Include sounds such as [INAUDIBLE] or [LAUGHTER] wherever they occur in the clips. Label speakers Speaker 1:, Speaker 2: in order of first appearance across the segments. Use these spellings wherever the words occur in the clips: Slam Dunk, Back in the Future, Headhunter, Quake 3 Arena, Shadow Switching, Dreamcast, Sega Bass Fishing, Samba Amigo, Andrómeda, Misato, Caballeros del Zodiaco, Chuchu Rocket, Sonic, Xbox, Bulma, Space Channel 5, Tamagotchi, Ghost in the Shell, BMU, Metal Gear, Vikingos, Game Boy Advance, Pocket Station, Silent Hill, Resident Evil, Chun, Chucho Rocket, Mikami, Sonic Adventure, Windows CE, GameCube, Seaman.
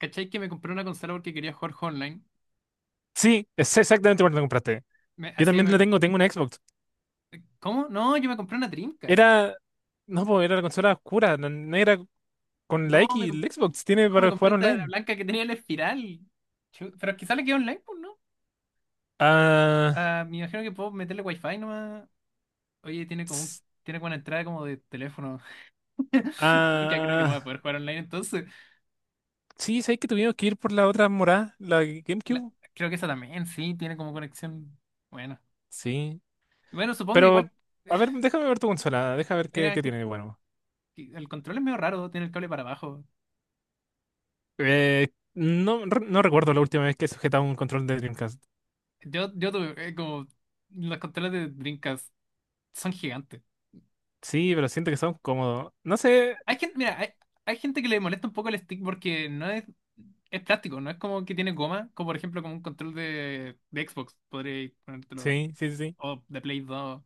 Speaker 1: ¿Cachai que me compré una consola porque quería jugar online?
Speaker 2: Sí, es exactamente cuando la compraste.
Speaker 1: Me,
Speaker 2: Yo
Speaker 1: así que
Speaker 2: también la
Speaker 1: me,
Speaker 2: tengo, tengo una Xbox.
Speaker 1: ¿Cómo? No, yo me compré una Dreamcast.
Speaker 2: Era, no, po, era la consola oscura, la negra con la
Speaker 1: No,
Speaker 2: X,
Speaker 1: me, comp-
Speaker 2: el Xbox tiene
Speaker 1: no, me
Speaker 2: para
Speaker 1: compré
Speaker 2: jugar
Speaker 1: esta la
Speaker 2: online.
Speaker 1: blanca que tenía la espiral. Pero quizá le queda online, pues, ¿no?
Speaker 2: Ah,
Speaker 1: Ah, me imagino que puedo meterle wifi nomás. Oye,
Speaker 2: s-
Speaker 1: tiene como una entrada como de teléfono. [LAUGHS] Mucha, creo que no voy a
Speaker 2: ah,
Speaker 1: poder jugar online entonces.
Speaker 2: sí, sabes que tuvimos que ir por la otra morada, la
Speaker 1: La-
Speaker 2: GameCube.
Speaker 1: Creo que esa también, sí, tiene como conexión. Bueno.
Speaker 2: Sí,
Speaker 1: Bueno, supongo igual.
Speaker 2: pero, a ver,
Speaker 1: [SIGHS]
Speaker 2: déjame ver tu consola, déjame ver
Speaker 1: Mira,
Speaker 2: qué
Speaker 1: que,
Speaker 2: tiene de bueno.
Speaker 1: que el control es medio raro, tiene el cable para abajo.
Speaker 2: No, no recuerdo la última vez que he sujetado un control de Dreamcast.
Speaker 1: Yo tuve como los controles de Dreamcast son gigantes.
Speaker 2: Sí, pero siento que son cómodos. No sé,
Speaker 1: Hay gente, mira, hay, hay gente que le molesta un poco el stick porque no es, es plástico, no es como que tiene goma, como por ejemplo como un control de Xbox, podréis ponértelo,
Speaker 2: sí, sí, sí.
Speaker 1: o de Play 2.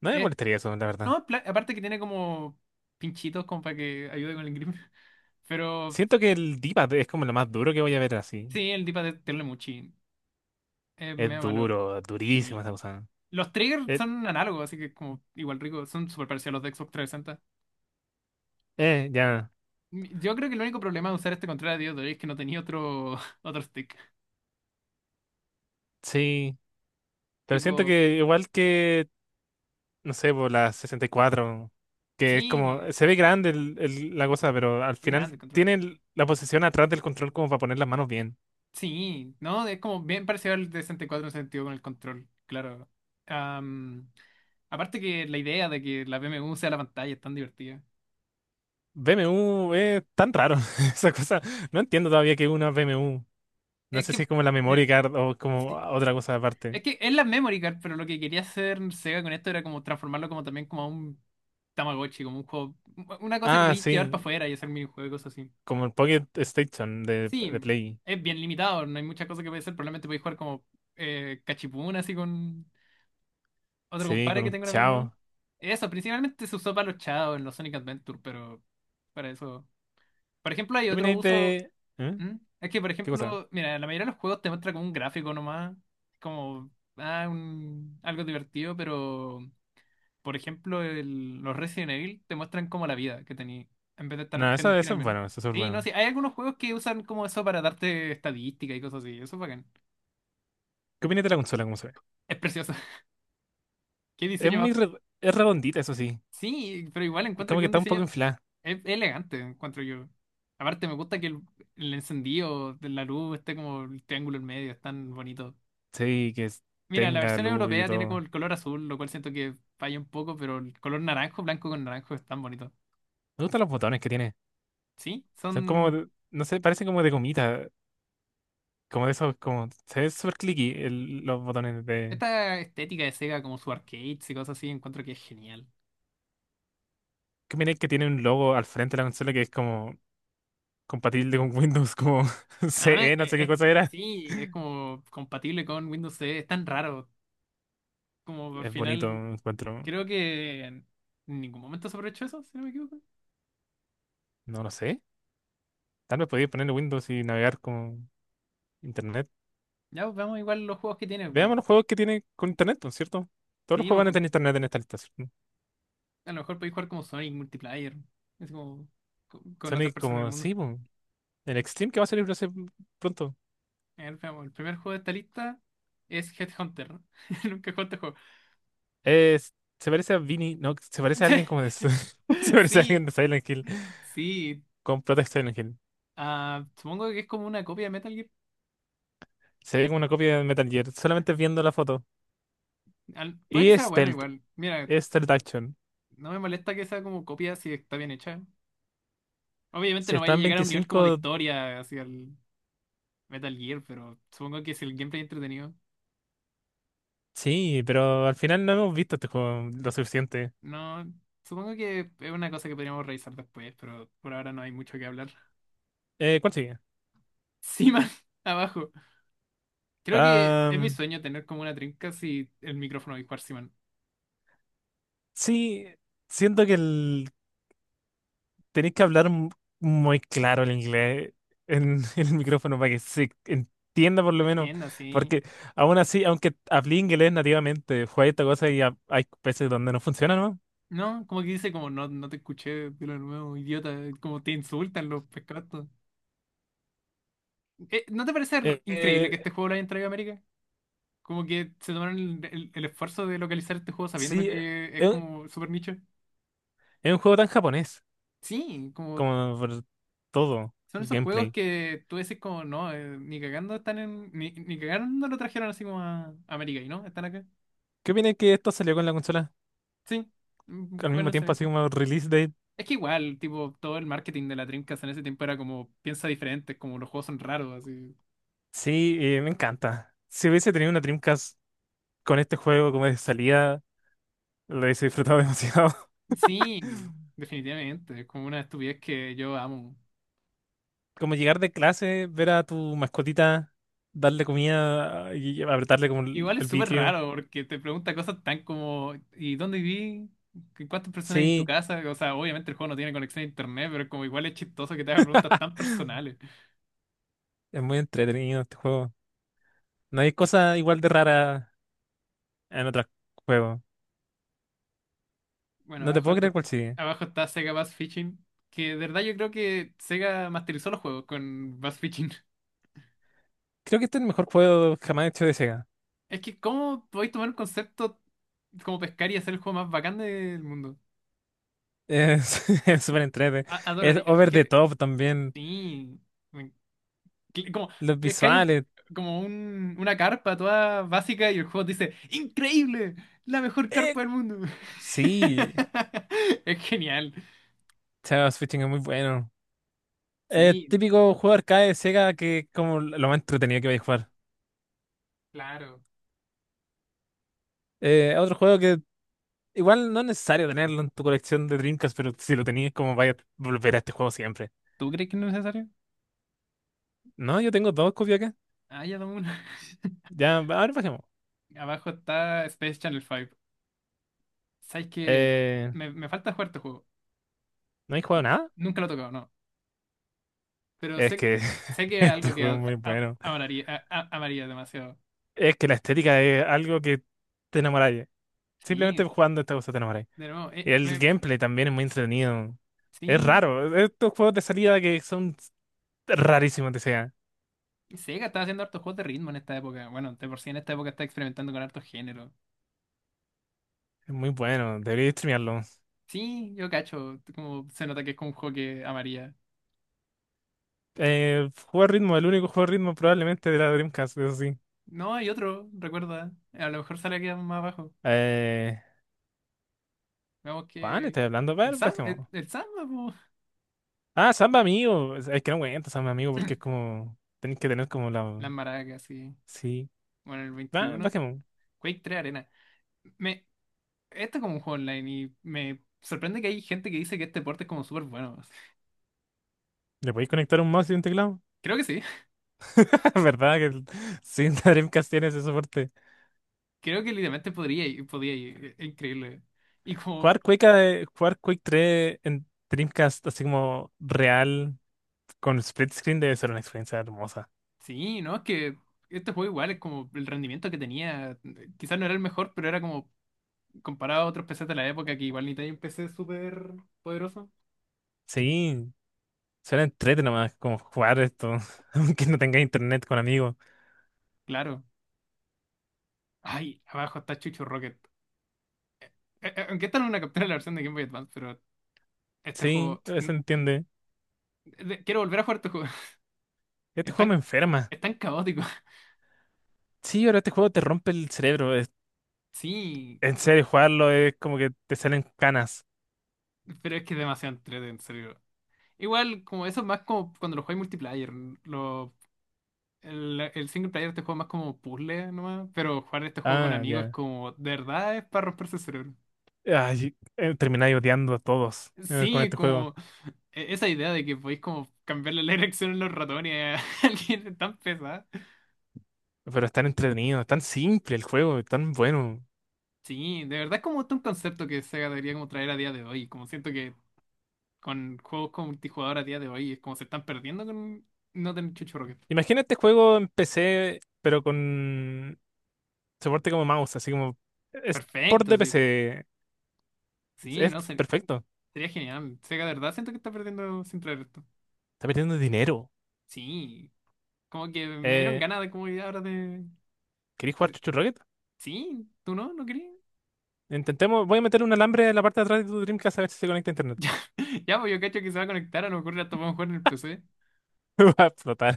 Speaker 2: No me
Speaker 1: Es,
Speaker 2: molestaría eso, la
Speaker 1: no,
Speaker 2: verdad.
Speaker 1: es pla- Aparte que tiene como pinchitos como para que ayude con el grip. [LAUGHS] Pero
Speaker 2: Siento que el Dipa es como lo más duro que voy a ver así.
Speaker 1: sí, el dipa de Terlemuchi es
Speaker 2: Es
Speaker 1: medio malo,
Speaker 2: duro, durísimo
Speaker 1: sí.
Speaker 2: esa cosa.
Speaker 1: Los triggers
Speaker 2: Eh,
Speaker 1: son análogos, así que es como igual rico, son súper parecidos a los de Xbox
Speaker 2: ya,
Speaker 1: 360. Yo creo que el único problema de usar este control a día de hoy es que no tenía otro, [LAUGHS] otro stick.
Speaker 2: sí. Pero siento
Speaker 1: Tipo,
Speaker 2: que igual que, No sé, por la 64 que es como,
Speaker 1: Sí,
Speaker 2: se ve grande la cosa, pero al
Speaker 1: es
Speaker 2: final
Speaker 1: grande el control.
Speaker 2: tiene la posición atrás del control como para poner las manos bien.
Speaker 1: Sí, ¿no? Es como bien parecido al de 64 en ese sentido con el control, claro. Am, Aparte que la idea de que la BMW sea la pantalla es tan divertida.
Speaker 2: BMU es tan raro, [LAUGHS] esa cosa. No entiendo todavía que es una BMU. No
Speaker 1: Es
Speaker 2: sé si
Speaker 1: que,
Speaker 2: es como la memory
Speaker 1: mira,
Speaker 2: card o como
Speaker 1: sí.
Speaker 2: otra cosa aparte.
Speaker 1: Es que es la memory card, pero lo que quería hacer Sega con esto era como transformarlo como también como a un Tamagotchi, como un juego, una cosa que
Speaker 2: Ah,
Speaker 1: podéis llevar para
Speaker 2: sí,
Speaker 1: afuera y hacer minijuegos y cosas así.
Speaker 2: como el Pocket Station de
Speaker 1: Sí,
Speaker 2: Play.
Speaker 1: es bien limitado, no hay muchas cosas que podéis hacer, probablemente podéis jugar como cachipún así con, otro
Speaker 2: Sí,
Speaker 1: compadre
Speaker 2: con
Speaker 1: que
Speaker 2: un
Speaker 1: tengo una BMW.
Speaker 2: chao.
Speaker 1: Eso, principalmente se usó para los chavos en los Sonic Adventure, pero para eso. Por ejemplo, hay
Speaker 2: ¿Qué
Speaker 1: otro
Speaker 2: opináis
Speaker 1: uso.
Speaker 2: de...? ¿Eh?
Speaker 1: ¿Mm? Es que, por
Speaker 2: ¿Qué cosa?
Speaker 1: ejemplo, mira, la mayoría de los juegos te muestra como un gráfico nomás, como algo divertido, pero por ejemplo, los Resident Evil te muestran como la vida que tenía en vez de estar,
Speaker 2: No,
Speaker 1: tener que ir al
Speaker 2: eso es
Speaker 1: menú.
Speaker 2: bueno, eso es súper
Speaker 1: Sí, no,
Speaker 2: bueno.
Speaker 1: sí, hay algunos juegos que usan como eso para darte estadística y cosas así, eso es bacán.
Speaker 2: ¿Qué opináis de la consola, cómo se ve?
Speaker 1: Es precioso. [LAUGHS] Qué
Speaker 2: Es
Speaker 1: diseño más.
Speaker 2: muy es redondita, eso sí.
Speaker 1: Sí, pero igual
Speaker 2: Es
Speaker 1: encuentro
Speaker 2: como
Speaker 1: que
Speaker 2: que
Speaker 1: un
Speaker 2: está un poco
Speaker 1: diseño.
Speaker 2: inflada.
Speaker 1: Es elegante, encuentro yo. Aparte, me gusta que el encendido de la luz esté como el triángulo en medio, es tan bonito.
Speaker 2: Sí, que es-
Speaker 1: Mira, la
Speaker 2: tenga
Speaker 1: versión
Speaker 2: luz y
Speaker 1: europea tiene como
Speaker 2: todo.
Speaker 1: el color azul, lo cual siento que falla un poco, pero el color naranjo, blanco con naranjo es tan bonito.
Speaker 2: Me gustan los botones que tiene.
Speaker 1: Sí,
Speaker 2: Son como,
Speaker 1: son...
Speaker 2: de- no sé, parecen como de gomita. Como de esos, como... Se ve súper clicky los botones de...
Speaker 1: Esta estética de Sega, como su arcades y cosas así, encuentro que es genial.
Speaker 2: ¿Qué opináis que tiene un logo al frente de la consola que es como compatible con Windows, como [LAUGHS]
Speaker 1: Además,
Speaker 2: CE, no sé qué cosa era?
Speaker 1: sí, es como compatible con Windows CE, es tan raro. Como al
Speaker 2: Es bonito,
Speaker 1: final,
Speaker 2: encuentro.
Speaker 1: creo que en ningún momento se aprovechó eso, si no me equivoco.
Speaker 2: No lo sé. Tal vez podéis ponerle Windows y navegar con internet.
Speaker 1: Ya, pues, veamos igual los juegos que tiene, pues.
Speaker 2: Veamos los juegos que tiene con internet, ¿no es cierto? Todos los
Speaker 1: Sí,
Speaker 2: juegos van a tener internet en esta lista, ¿cierto?
Speaker 1: a lo mejor podéis jugar como Sonic multiplayer. Es como con, otra
Speaker 2: Sonic
Speaker 1: persona del
Speaker 2: como,
Speaker 1: mundo.
Speaker 2: sí, po. El Extreme que va a salir no sé, pronto.
Speaker 1: A ver, veamos, el primer juego de esta lista es Headhunter. [LAUGHS] Nunca he jugado este juego.
Speaker 2: Es- se parece a Vinny, no, se parece a alguien como de... [LAUGHS]
Speaker 1: [LAUGHS]
Speaker 2: Se parece a
Speaker 1: Sí,
Speaker 2: alguien de Silent Hill,
Speaker 1: sí.
Speaker 2: con Protect Silent Hill.
Speaker 1: Ah, supongo que es como una copia de Metal Gear.
Speaker 2: Se ve como una copia de Metal Gear, solamente viendo la foto.
Speaker 1: Puede que
Speaker 2: Y
Speaker 1: sea bueno
Speaker 2: Stealth,
Speaker 1: igual. Mira,
Speaker 2: Stealth Action.
Speaker 1: no me molesta que sea como copia si está bien hecha. Obviamente
Speaker 2: Si
Speaker 1: no
Speaker 2: está
Speaker 1: vaya a
Speaker 2: en
Speaker 1: llegar a un nivel como de
Speaker 2: 25,
Speaker 1: historia hacia el Metal Gear, pero supongo que si el gameplay es entretenido.
Speaker 2: sí, pero al final no hemos visto este juego lo suficiente.
Speaker 1: No, supongo que es una cosa que podríamos revisar después, pero por ahora no hay mucho que hablar.
Speaker 2: ¿Cuál sigue?
Speaker 1: Seaman, [LAUGHS] abajo. Creo que es mi sueño tener como una trinca si el micrófono dispar Seaman.
Speaker 2: Sí, siento que tenéis que hablar muy claro el inglés en, [LAUGHS] en el micrófono para que se entienda por lo menos,
Speaker 1: Entienda, sí.
Speaker 2: porque aún así, aunque hablé inglés nativamente, fue esta cosa y hay veces donde no funciona, ¿no?
Speaker 1: No, como que dice como no, no te escuché de lo nuevo, idiota, como te insultan los pescados. ¿No te parece
Speaker 2: Eh,
Speaker 1: increíble que
Speaker 2: eh,
Speaker 1: este juego lo hayan traído a América? Como que se tomaron el, el esfuerzo de localizar este juego sabiendo
Speaker 2: sí,
Speaker 1: que es
Speaker 2: es,
Speaker 1: como super nicho.
Speaker 2: es un juego tan japonés
Speaker 1: Sí, como
Speaker 2: como por todo
Speaker 1: son
Speaker 2: el
Speaker 1: esos juegos
Speaker 2: gameplay.
Speaker 1: que tú decís como no, ni cagando están en, ni cagando lo trajeron así como a América y no, están acá.
Speaker 2: ¿Qué opinas que esto salió con la consola
Speaker 1: Sí,
Speaker 2: al
Speaker 1: juegan
Speaker 2: mismo
Speaker 1: en.
Speaker 2: tiempo, así como release date?
Speaker 1: Es que igual, tipo, todo el marketing de la Dreamcast en ese tiempo era como, piensa diferente, como los juegos son raros, así.
Speaker 2: Sí, me encanta. Si hubiese tenido una Dreamcast con este juego como de salida lo he disfrutado demasiado. [LAUGHS]
Speaker 1: Sí, definitivamente, es como una estupidez que yo amo.
Speaker 2: Como llegar de clase, ver a tu mascotita, darle comida ah, y apretarle como
Speaker 1: Igual es
Speaker 2: el
Speaker 1: súper
Speaker 2: vitrio.
Speaker 1: raro porque te pregunta cosas tan como, ¿y dónde viví? ¿Cuántas personas hay en tu
Speaker 2: Sí,
Speaker 1: casa? O sea, obviamente el juego no tiene conexión a internet, pero como igual es chistoso que te hagan preguntas tan personales.
Speaker 2: es muy entretenido este juego. No hay cosa igual de rara en otros juegos.
Speaker 1: Bueno,
Speaker 2: No te
Speaker 1: abajo,
Speaker 2: puedo creer cuál sigue.
Speaker 1: abajo está Sega Bass Fishing, que de verdad yo creo que Sega masterizó los juegos con Bass Fishing. [LAUGHS]
Speaker 2: Creo que este es el mejor juego jamás hecho de Sega.
Speaker 1: Es que, ¿cómo podéis tomar un concepto como pescar y hacer el juego más bacán del mundo?
Speaker 2: Es [LAUGHS] es súper entrete. Es
Speaker 1: Adoraría.
Speaker 2: over the top también.
Speaker 1: Sí. me- Como,
Speaker 2: Los
Speaker 1: pescáis
Speaker 2: visuales.
Speaker 1: una carpa toda básica y el juego te dice: ¡Increíble! ¡La mejor
Speaker 2: Eh,
Speaker 1: carpa del mundo!
Speaker 2: sí,
Speaker 1: [LAUGHS] Es genial.
Speaker 2: Shadow Switching es muy bueno. Es
Speaker 1: Sí,
Speaker 2: típico juego arcade de Sega que es como lo más entretenido que vais a jugar.
Speaker 1: claro.
Speaker 2: Otro juego que igual no es necesario tenerlo en tu colección de Dreamcast, pero si lo tenías, como vaya a volver a este juego siempre.
Speaker 1: ¿Tú crees que no es necesario?
Speaker 2: No, yo tengo dos copias acá.
Speaker 1: Ah, ya dame una. [LAUGHS]
Speaker 2: Ya, ahora bajemos.
Speaker 1: Abajo está Space Channel 5. ¿Sabes que
Speaker 2: Eh,
Speaker 1: me falta jugar este juego?
Speaker 2: ¿No hay jugado
Speaker 1: N-
Speaker 2: nada?
Speaker 1: Nunca lo he tocado, no. Pero
Speaker 2: Es
Speaker 1: sé,
Speaker 2: que [LAUGHS]
Speaker 1: sé que es
Speaker 2: este
Speaker 1: algo que
Speaker 2: juego es muy bueno.
Speaker 1: amaría, amaría demasiado.
Speaker 2: Es que la estética es algo que te enamoráis.
Speaker 1: Sí,
Speaker 2: Simplemente jugando esta cosa te enamoráis.
Speaker 1: de nuevo,
Speaker 2: Y el gameplay también es muy entretenido. Es
Speaker 1: sí,
Speaker 2: raro. E, estos juegos de salida que son rarísimos de sea.
Speaker 1: Sega está haciendo hartos juegos de ritmo en esta época. Bueno, de por sí en esta época está experimentando con hartos géneros.
Speaker 2: Es muy bueno. Debería streamearlo.
Speaker 1: Sí, yo cacho, como se nota que es como un juego que amaría.
Speaker 2: Juego de ritmo, el único juego de ritmo probablemente de la Dreamcast, eso sí.
Speaker 1: No, hay otro, recuerda. A lo mejor sale aquí más abajo.
Speaker 2: Eh,
Speaker 1: Veamos
Speaker 2: ¿cuál?
Speaker 1: que...
Speaker 2: Estoy hablando,
Speaker 1: El
Speaker 2: pero
Speaker 1: Sam,
Speaker 2: es
Speaker 1: el,
Speaker 2: como.
Speaker 1: el Samba, po.
Speaker 2: Ah, Samba Amigo. Es que no cuenta Samba Amigo porque es como. Tenés que tener como la.
Speaker 1: Las maracas, sí.
Speaker 2: Sí.
Speaker 1: Bueno, el
Speaker 2: Ah, es
Speaker 1: 21,
Speaker 2: como.
Speaker 1: Quake 3 Arena. Me, Este es como un juego online y me sorprende que hay gente que dice que este deporte es como súper bueno. [LAUGHS]
Speaker 2: ¿Le podéis conectar un mouse y un teclado?
Speaker 1: Creo que sí. [LAUGHS]
Speaker 2: [LAUGHS] ¿Verdad que el- sí, la Dreamcast tiene ese soporte?
Speaker 1: Creo que literalmente podría ir, podría ir. Es increíble. Y como,
Speaker 2: Jugar Quake 3 en Dreamcast, así como real, con split screen, debe ser una experiencia hermosa.
Speaker 1: sí, ¿no? Es que este juego igual es como el rendimiento que tenía. Quizás no era el mejor, pero era como comparado a otros PCs de la época que igual ni tenía un PC súper poderoso.
Speaker 2: Sí, suena entrete nomás, como jugar esto, [LAUGHS] aunque no tenga internet con amigos.
Speaker 1: Claro. Ay, abajo está Chucho Rocket. Aunque esta no es una captura de la versión de Game Boy Advance, pero este
Speaker 2: Sí,
Speaker 1: juego...
Speaker 2: se entiende.
Speaker 1: Quiero volver a jugar este juego. [LAUGHS]
Speaker 2: Este
Speaker 1: Es
Speaker 2: juego me
Speaker 1: tan,
Speaker 2: enferma.
Speaker 1: es tan caótico. [LAUGHS]
Speaker 2: Sí, ahora este juego te rompe el cerebro.
Speaker 1: Sí,
Speaker 2: En serio, jugarlo es como que te salen canas.
Speaker 1: pero es que es demasiado entretenido, en serio. Igual, como eso es más como cuando lo juegas multiplayer. Lo, el single player te juega más como puzzle nomás. Pero jugar este juego con
Speaker 2: Ah,
Speaker 1: amigos es
Speaker 2: ya.
Speaker 1: como, de verdad, es para romperse el cerebro.
Speaker 2: Ay, termináis odiando a todos con
Speaker 1: Sí,
Speaker 2: este juego.
Speaker 1: como esa idea de que podéis como cambiarle la dirección en los ratones a [LAUGHS] alguien es tan pesada.
Speaker 2: Pero es tan entretenido, es tan simple el juego, es tan bueno.
Speaker 1: Sí, de verdad es como un concepto que Sega debería como traer a día de hoy. Como siento que con juegos con multijugador a día de hoy es como se están perdiendo con no tener Chucho Rocket.
Speaker 2: Imagina este juego en PC, pero con soporte como mouse, así como es port
Speaker 1: Perfecto,
Speaker 2: de
Speaker 1: sí.
Speaker 2: PC. Es
Speaker 1: Sí,
Speaker 2: es
Speaker 1: no sé.
Speaker 2: perfecto.
Speaker 1: Sería genial. O sea, de verdad siento que está perdiendo sin traer esto.
Speaker 2: Está perdiendo dinero.
Speaker 1: Sí, como que me dieron
Speaker 2: Eh,
Speaker 1: ganas de como ya ahora de...
Speaker 2: ¿Queréis jugar
Speaker 1: de-
Speaker 2: Chuchu Rocket?
Speaker 1: Sí, ¿tú no? ¿No crees?
Speaker 2: Intentemos, voy a meter un alambre en la parte de atrás de tu Dreamcast a ver si se conecta a internet.
Speaker 1: [LAUGHS] Ya, ya, pues yo cacho que se va a conectar, a lo mejor hasta podemos jugar en el PC.
Speaker 2: [LAUGHS] Va a explotar.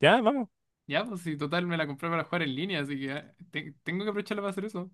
Speaker 2: Ya, vamos.
Speaker 1: Ya, pues si total me la compré para jugar en línea, así que ah, tengo que aprovecharla para hacer eso.